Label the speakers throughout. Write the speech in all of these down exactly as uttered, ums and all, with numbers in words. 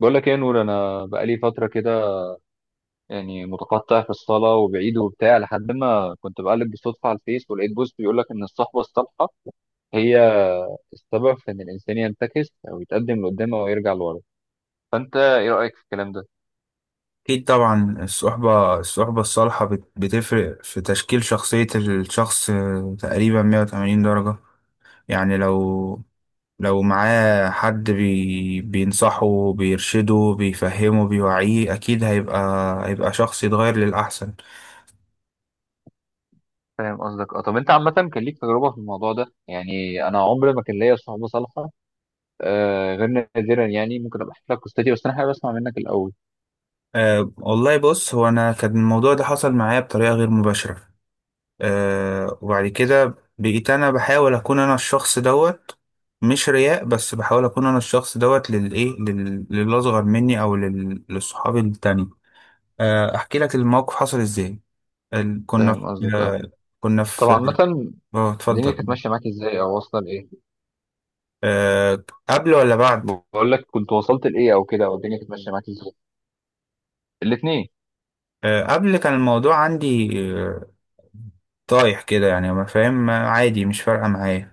Speaker 1: بقول لك ايه يا نور، انا بقالي فتره كده يعني متقطع في الصلاه وبعيد وبتاع، لحد ما كنت بقلب بالصدفه على الفيس ولقيت بوست بيقول لك ان الصحبه الصالحه هي السبب في ان الانسان ينتكس او يتقدم لقدام او يرجع لورا. فانت ايه رايك في الكلام ده؟
Speaker 2: أكيد طبعا الصحبة الصحبة الصالحة بت- بتفرق في تشكيل شخصية الشخص، آه، تقريبا مية وتمانين درجة. يعني لو لو معاه حد بي بينصحه بيرشده بيفهمه بيوعيه، أكيد هيبقى هيبقى شخص يتغير للأحسن.
Speaker 1: فاهم قصدك. اه، طب انت عامه كان ليك تجربه في الموضوع ده؟ يعني انا عمري ما كان ليا صحبه صالحه آه غير نادرا. يعني ممكن ابقى احكي لك قصتي، بس انا حابب اسمع منك الاول.
Speaker 2: أه والله بص، هو أنا كان الموضوع ده حصل معايا بطريقة غير مباشرة. آه وبعد كده بقيت انا بحاول اكون انا الشخص دوت، مش رياء، بس بحاول اكون انا الشخص دوت للايه لل- للاصغر مني او لل- لصحابي التاني. آه احكي لك الموقف حصل ازاي. ال- كنا في...
Speaker 1: فاهم قصدك. اه،
Speaker 2: آه كنا
Speaker 1: طب
Speaker 2: في...
Speaker 1: عامه
Speaker 2: اه،
Speaker 1: الدنيا
Speaker 2: اتفضل.
Speaker 1: كانت ماشيه معاك ازاي او واصله لايه؟
Speaker 2: آه، قبل ولا بعد؟
Speaker 1: بقول لك، كنت وصلت لايه او كده، او الدنيا كانت ماشيه معاك ازاي؟ الاثنين.
Speaker 2: آه، قبل كان الموضوع عندي، آه، طايح كده، يعني ما فاهم، ما- عادي، مش فارقه معايا.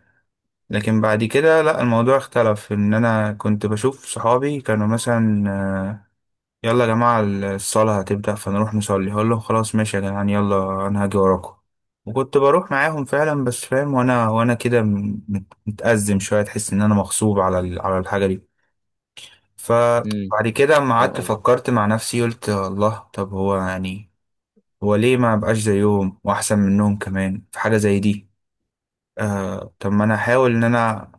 Speaker 2: لكن بعد كده لا، الموضوع اختلف، ان انا كنت بشوف صحابي كانوا مثلا آه، يلا يا جماعة الصلاة هتبدأ فنروح نصلي، هقول لهم خلاص ماشي يا جدعان يلا أنا هاجي وراكم. وكنت بروح معاهم فعلا، بس فاهم، وأنا وأنا كده م- مت- متأزم شوية، تحس إن أنا مغصوب على ال- على الحاجة دي.
Speaker 1: امم
Speaker 2: فبعد كده أما
Speaker 1: فاهم
Speaker 2: قعدت
Speaker 1: قصدي.
Speaker 2: فكرت مع نفسي قلت الله، طب هو يعني هو ليه ما بقاش زيهم وأحسن منهم كمان في حاجة زي دي؟ آه، طب ما انا احاول ان انا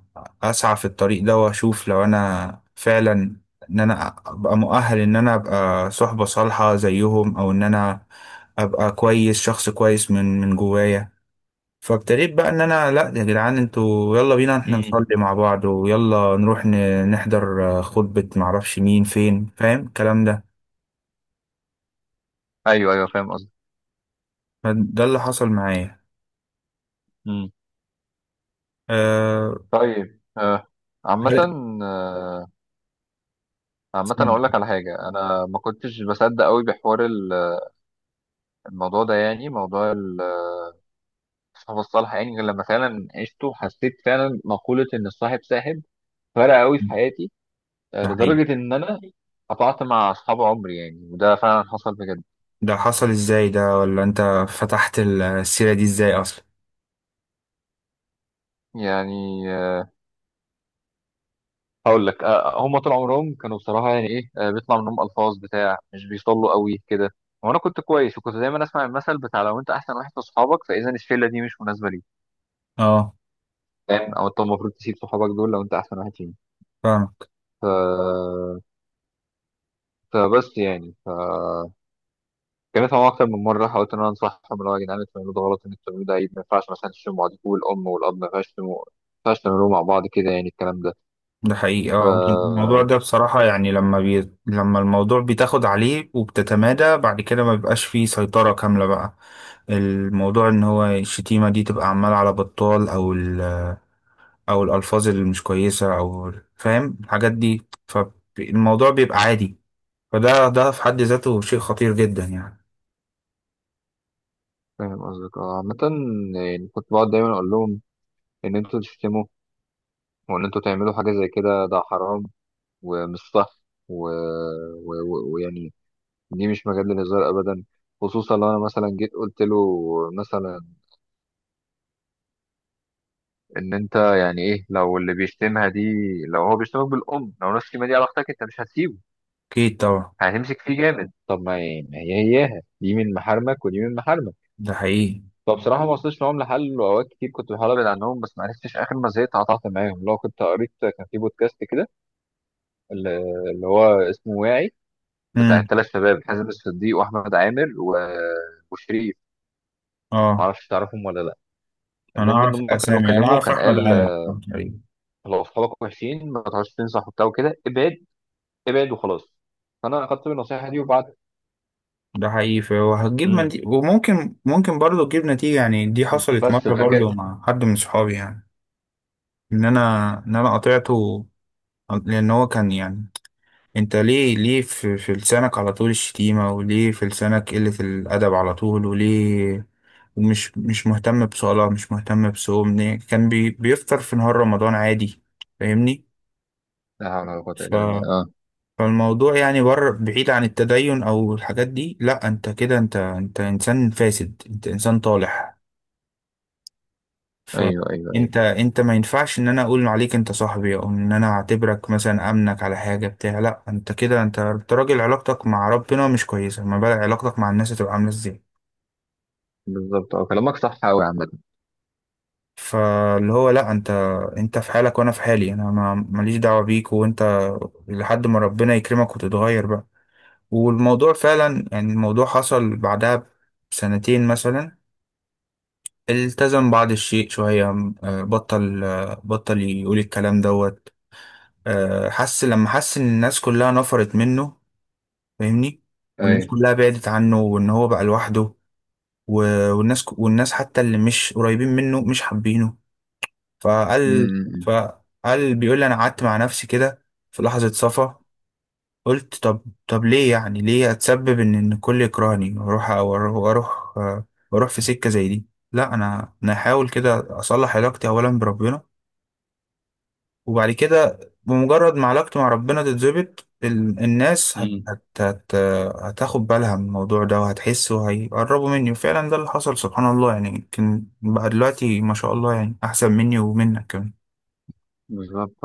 Speaker 2: اسعى في الطريق ده واشوف لو انا فعلا ان انا ابقى مؤهل ان انا ابقى صحبة صالحة زيهم، او ان انا ابقى كويس، شخص كويس من من جوايا. فابتديت بقى ان انا لا يا جدعان انتوا يلا بينا احنا
Speaker 1: امم
Speaker 2: نصلي مع بعض، ويلا نروح ن- نحضر آه، خطبة، معرفش مين فين، فاهم الكلام ده.
Speaker 1: ايوه، ايوه، فاهم قصدي.
Speaker 2: فده اللي حصل معايا.
Speaker 1: امم
Speaker 2: أه...
Speaker 1: طيب، آه. عامة
Speaker 2: ده
Speaker 1: آه، عامة أقول لك على حاجة. أنا ما كنتش بصدق أوي بحوار ال- الموضوع ده، يعني موضوع ال- الصحاب الصالحة، يعني غير لما فعلا عشته. حسيت فعلا مقولة إن الصاحب ساحب، فرق أوي في حياتي، آه،
Speaker 2: ده حقيقي.
Speaker 1: لدرجة إن أنا قطعت مع أصحاب عمري يعني، وده فعلا حصل بجد.
Speaker 2: ده حصل ازاي، ده ولا انت فتحت السيرة دي ازاي اصلا؟
Speaker 1: يعني آه، هقول لك. آه، هم طول عمرهم كانوا بصراحه يعني ايه، آه، بيطلع منهم الفاظ بتاع مش بيصلوا قوي كده. وانا كنت كويس، وكنت دايما اسمع المثل بتاع لو انت احسن واحد في صحابك فاذا الشله دي مش مناسبه ليك،
Speaker 2: اه،
Speaker 1: فاهم، او انت المفروض تسيب صحابك دول لو انت احسن واحد فيهم.
Speaker 2: فاهمك.
Speaker 1: ف... فبس يعني ف كانت معايا اكتر من مره، حاولت ان انا انصحهم، اللي هو يا جدعان انتوا بتعملوا ده غلط، ان انتوا بتعملوا ده عيب، ما ينفعش مثلا تشتموا بعضكم والام والاب، ما ينفعش تشتموا، ما ينفعش تعملوا مع بعض كده يعني، الكلام ده.
Speaker 2: ده حقيقي،
Speaker 1: ف
Speaker 2: اه. الموضوع ده بصراحة يعني لما بي... لما الموضوع بتاخد عليه وبتتمادى بعد كده ما بيبقاش فيه سيطرة كاملة بقى. الموضوع ان هو الشتيمة دي تبقى عمالة على بطال، او ال... او الالفاظ اللي مش كويسة، او فاهم الحاجات دي، فالموضوع بيبقى عادي. فده ده في حد ذاته شيء خطير جدا يعني.
Speaker 1: فاهم قصدك. اه، عامة يعني كنت بقعد دايما اقول لهم ان انتوا تشتموا وان انتوا تعملوا حاجه زي كده، ده حرام ومش صح، ويعني و- و- و- ويعني دي مش مجال للهزار ابدا. خصوصا لو انا مثلا جيت قلت له مثلا ان انت يعني ايه، لو اللي بيشتمها دي، لو هو بيشتمك بالام، لو نفس الكلمه دي على اختك، انت مش هتسيبه؟
Speaker 2: اكيد طبعا.
Speaker 1: هتمسك فيه جامد. طب ما هي ما هي هياها دي من محارمك ودي من محارمك.
Speaker 2: ده حقيقي.
Speaker 1: فبصراحه ما وصلتش معاهم لحل، واوقات كتير كنت بحاول ابعد عنهم بس ما عرفتش، اخر ما زهقت قطعت معاهم. لو كنت قريت، كان في بودكاست كده اللي اللي هو اسمه واعي، بتاع
Speaker 2: امم
Speaker 1: الثلاث شباب حازم الصديق واحمد عامر و... وشريف، ما
Speaker 2: اه،
Speaker 1: اعرفش تعرفهم ولا لا.
Speaker 2: انا
Speaker 1: المهم ان
Speaker 2: اعرف
Speaker 1: هم كانوا
Speaker 2: اسامي، انا
Speaker 1: كلموا،
Speaker 2: اعرف
Speaker 1: كان
Speaker 2: احمد
Speaker 1: قال
Speaker 2: عامر. أيوة.
Speaker 1: لو اصحابك وحشين ما تقعدش تنصح وبتاع وكده، ابعد ابعد وخلاص. فانا اخدت النصيحه دي، وبعد
Speaker 2: ده حقيقي، فهو هتجيب
Speaker 1: امم
Speaker 2: نتيجة، وممكن ممكن برضه تجيب نتيجة. يعني دي حصلت
Speaker 1: بس
Speaker 2: مرة برضه
Speaker 1: فكده.
Speaker 2: مع حد من صحابي، يعني ان انا، ان انا قطعته، لان هو كان يعني انت ليه ليه في, في لسانك على طول الشتيمة، وليه في لسانك قلة الادب على طول؟ وليه ومش مش مهتم بصلاة، مش مهتم بصوم، ليه؟ كان بي بيفطر في نهار رمضان عادي. فاهمني.
Speaker 1: لا حول ولا قوه الا بالله. اه،
Speaker 2: فالموضوع يعني بره، بعيد عن التدين او الحاجات دي، لا انت كده، انت انت انسان فاسد، انت انسان طالح.
Speaker 1: ايوه، ايوه، ايوه،
Speaker 2: فانت انت ما ينفعش ان انا اقول عليك انت صاحبي، او ان انا اعتبرك مثلا امنك على حاجه بتاع، لا انت كده، انت أنت راجل علاقتك مع ربنا مش كويسه، ما بالك علاقتك مع الناس هتبقى عامله ازاي؟
Speaker 1: بالظبط. اه، كلامك صح قوي عامه.
Speaker 2: فاللي هو لا، انت انت في حالك وانا في حالي، انا ما ماليش دعوه بيك، وانت لحد ما ربنا يكرمك وتتغير بقى. والموضوع فعلا يعني الموضوع حصل بعدها بسنتين مثلا، التزم بعض الشيء شوية، آه، بطل، آه، بطل يقول الكلام دوت، آه، حس لما حس إن الناس كلها نفرت منه. فاهمني. والناس
Speaker 1: ايوه.
Speaker 2: كلها بعدت عنه، وإن هو بقى لوحده، و- والناس والناس حتى اللي مش قريبين منه مش حابينه. فقال
Speaker 1: امم امم
Speaker 2: فقال بيقول لي أنا قعدت مع نفسي كده في لحظة صفا قلت طب، طب ليه يعني ليه اتسبب ان ان الكل يكرهني، واروح واروح واروح آه، واروح في سكه زي دي؟ لا انا، انا هحاول كده اصلح علاقتي اولا بربنا. وبعد كده بمجرد ما علاقتي مع ربنا تتظبط ال- الناس هت
Speaker 1: أمم.
Speaker 2: هت هت هتاخد بالها من الموضوع ده، وهتحس وهيقربوا مني. وفعلا ده اللي حصل، سبحان الله. يعني يمكن بقى دلوقتي ما شاء الله يعني احسن مني ومنك كمان.
Speaker 1: بالظبط.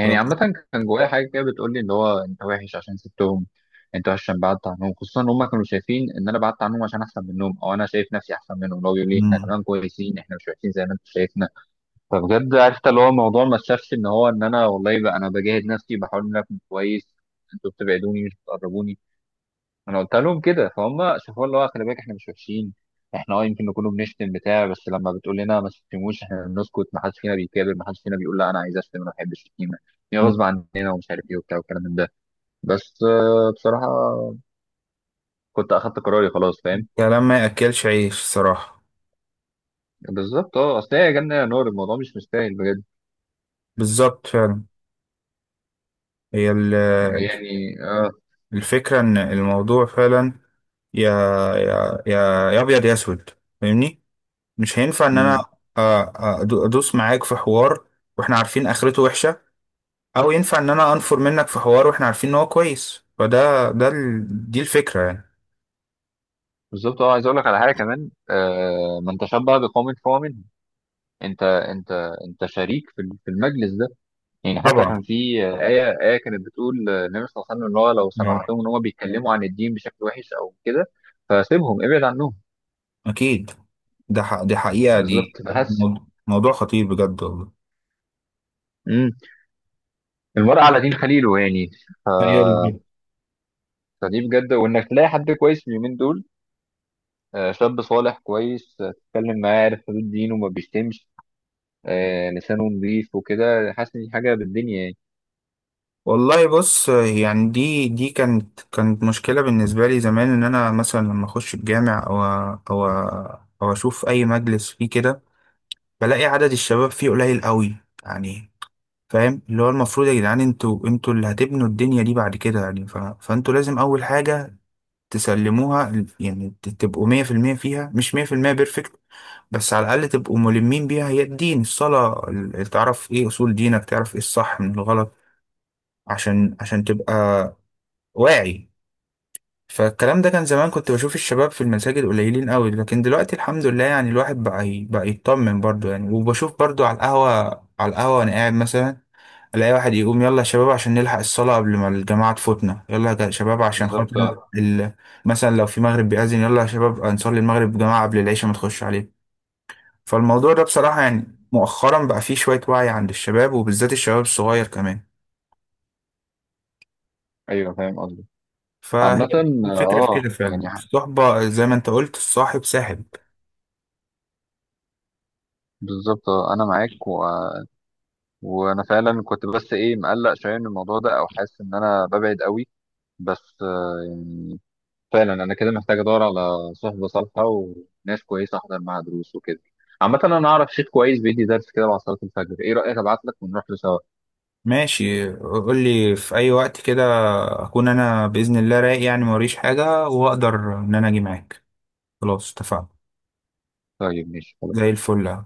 Speaker 2: ف...
Speaker 1: عامة كان جوايا حاجة كده بتقول لي اللي هو أنت وحش عشان سبتهم، أنت وحش عشان بعدت عنهم، خصوصا إن هما كانوا شايفين إن أنا بعدت عنهم عشان أحسن منهم، أو أنا شايف نفسي أحسن منهم، اللي هو بيقول لي إحنا
Speaker 2: مم.
Speaker 1: كمان كويسين، إحنا مش وحشين زي ما أنت شايفنا. فبجد عرفت اللي هو الموضوع ما شافش إن هو إن أنا والله بقى أنا بجاهد نفسي، بحاول إن أنا أكون كويس. أنتوا بتبعدوني مش بتقربوني. انا قلت لهم كده فهم شافوا، اللي هو خلي بالك احنا مش وحشين، احنا اه يمكن نكون بنشتم بتاع بس لما بتقول لنا ما تشتموش احنا بنسكت، ما حدش فينا بيكابر، ما حدش فينا بيقول لا انا عايز اشتم، انا ما بحبش الشتيمه، هي غصب عننا ومش عارف ايه وبتاع والكلام من ده. بس آه، بصراحه كنت اخدت قراري خلاص، فاهم.
Speaker 2: كلام ما ياكلش عيش صراحه.
Speaker 1: بالظبط. اه، اصل هي يا جنه يا نار، الموضوع مش مستاهل بجد.
Speaker 2: بالظبط فعلا. هي ال-
Speaker 1: يعني اه.
Speaker 2: الفكرة إن الموضوع فعلا، يا يا يا يا أبيض يا أسود. فاهمني. مش هينفع إن أنا
Speaker 1: مم.
Speaker 2: آه، آه، أدو- أدوس معاك في حوار وإحنا عارفين آخرته وحشة، أو ينفع إن أنا أنفر منك في حوار وإحنا عارفين إن هو كويس. فده ده ال... دي الفكرة يعني.
Speaker 1: بالظبط. اه، عايز اقول لك على حاجه كمان. آه، من تشبه بقوم فهو منهم. انت انت انت شريك في في المجلس ده. يعني حتى كان
Speaker 2: طبعا،
Speaker 1: في آية آية كانت بتقول النبي صلى الله عليه وسلم إن هو لو
Speaker 2: يعني
Speaker 1: سمعتهم إن هو بيتكلموا عن الدين بشكل وحش أو كده فسيبهم، ابعد عنهم.
Speaker 2: أكيد. ده ح... دي حقيقة، دي
Speaker 1: بالظبط. بس
Speaker 2: موضوع موضوع خطير بجد والله.
Speaker 1: امم المرء على دين خليله يعني. ف...
Speaker 2: أيوة.
Speaker 1: فدي بجد، وإنك تلاقي حد كويس اليومين دول، آه، شاب صالح كويس، آه، تتكلم معاه عارف حدود دينه وما بيشتمش، آه، لسانه نظيف وكده، حاسس إن دي حاجة بالدنيا يعني.
Speaker 2: والله بص يعني دي دي كانت كانت مشكلة بالنسبة لي زمان، إن أنا مثلا لما أخش الجامع أو أو أو أشوف أي مجلس فيه كده بلاقي عدد الشباب فيه قليل قوي، يعني فاهم، اللي هو المفروض يا جدعان انتوا انتوا اللي هتبنوا الدنيا دي بعد كده يعني. ف... فانتوا لازم أول حاجة تسلموها، يعني ت- تبقوا مية في المية فيها، مش مية في المية بيرفكت، بس على الأقل تبقوا ملمين بيها، هي الدين، الصلاة، ال- تعرف إيه أصول دينك، تعرف إيه الصح من الغلط، عشان عشان تبقى واعي. فالكلام ده كان زمان كنت بشوف الشباب في المساجد قليلين قوي، لكن دلوقتي الحمد لله يعني الواحد بقى ي- بقى يطمن برضه يعني. وبشوف برضه على القهوة، على القهوة وانا قاعد مثلا الاقي واحد يقوم يلا يا شباب عشان نلحق الصلاة قبل ما الجماعة تفوتنا، يلا يا شباب عشان خاطر
Speaker 1: بالظبط، آه.
Speaker 2: ال... مثلا لو في مغرب بيأذن يلا يا شباب نصلي المغرب جماعة قبل العشاء ما تخش عليه. فالموضوع ده بصراحة يعني مؤخرا بقى فيه شوية وعي عند الشباب، وبالذات الشباب الصغير كمان.
Speaker 1: أيوه، فاهم قصدي.
Speaker 2: فهي
Speaker 1: عامة آه
Speaker 2: الفكرة في
Speaker 1: آه،
Speaker 2: كده
Speaker 1: يعني
Speaker 2: فعلا،
Speaker 1: ح-
Speaker 2: الصحبة زي ما انت قلت، الصاحب ساحب.
Speaker 1: بالظبط. آه، أنا معاك. وانا فعلا كنت بس ايه مقلق شويه من الموضوع ده، او حاسس ان انا ببعد قوي. بس آه، يعني فعلا انا كده محتاج ادور على صحبه صالحه وناس كويسه، احضر معاها دروس وكده. عامه انا اعرف شيخ كويس بيدي درس كده بعد صلاه الفجر، ايه رايك ابعت لك ونروح له سوا؟
Speaker 2: ماشي، قول لي في اي وقت كده اكون انا باذن الله رايق يعني موريش حاجه واقدر ان انا اجي معاك. خلاص اتفقنا.
Speaker 1: طيب ماشي
Speaker 2: زي
Speaker 1: خلاص.
Speaker 2: الفل.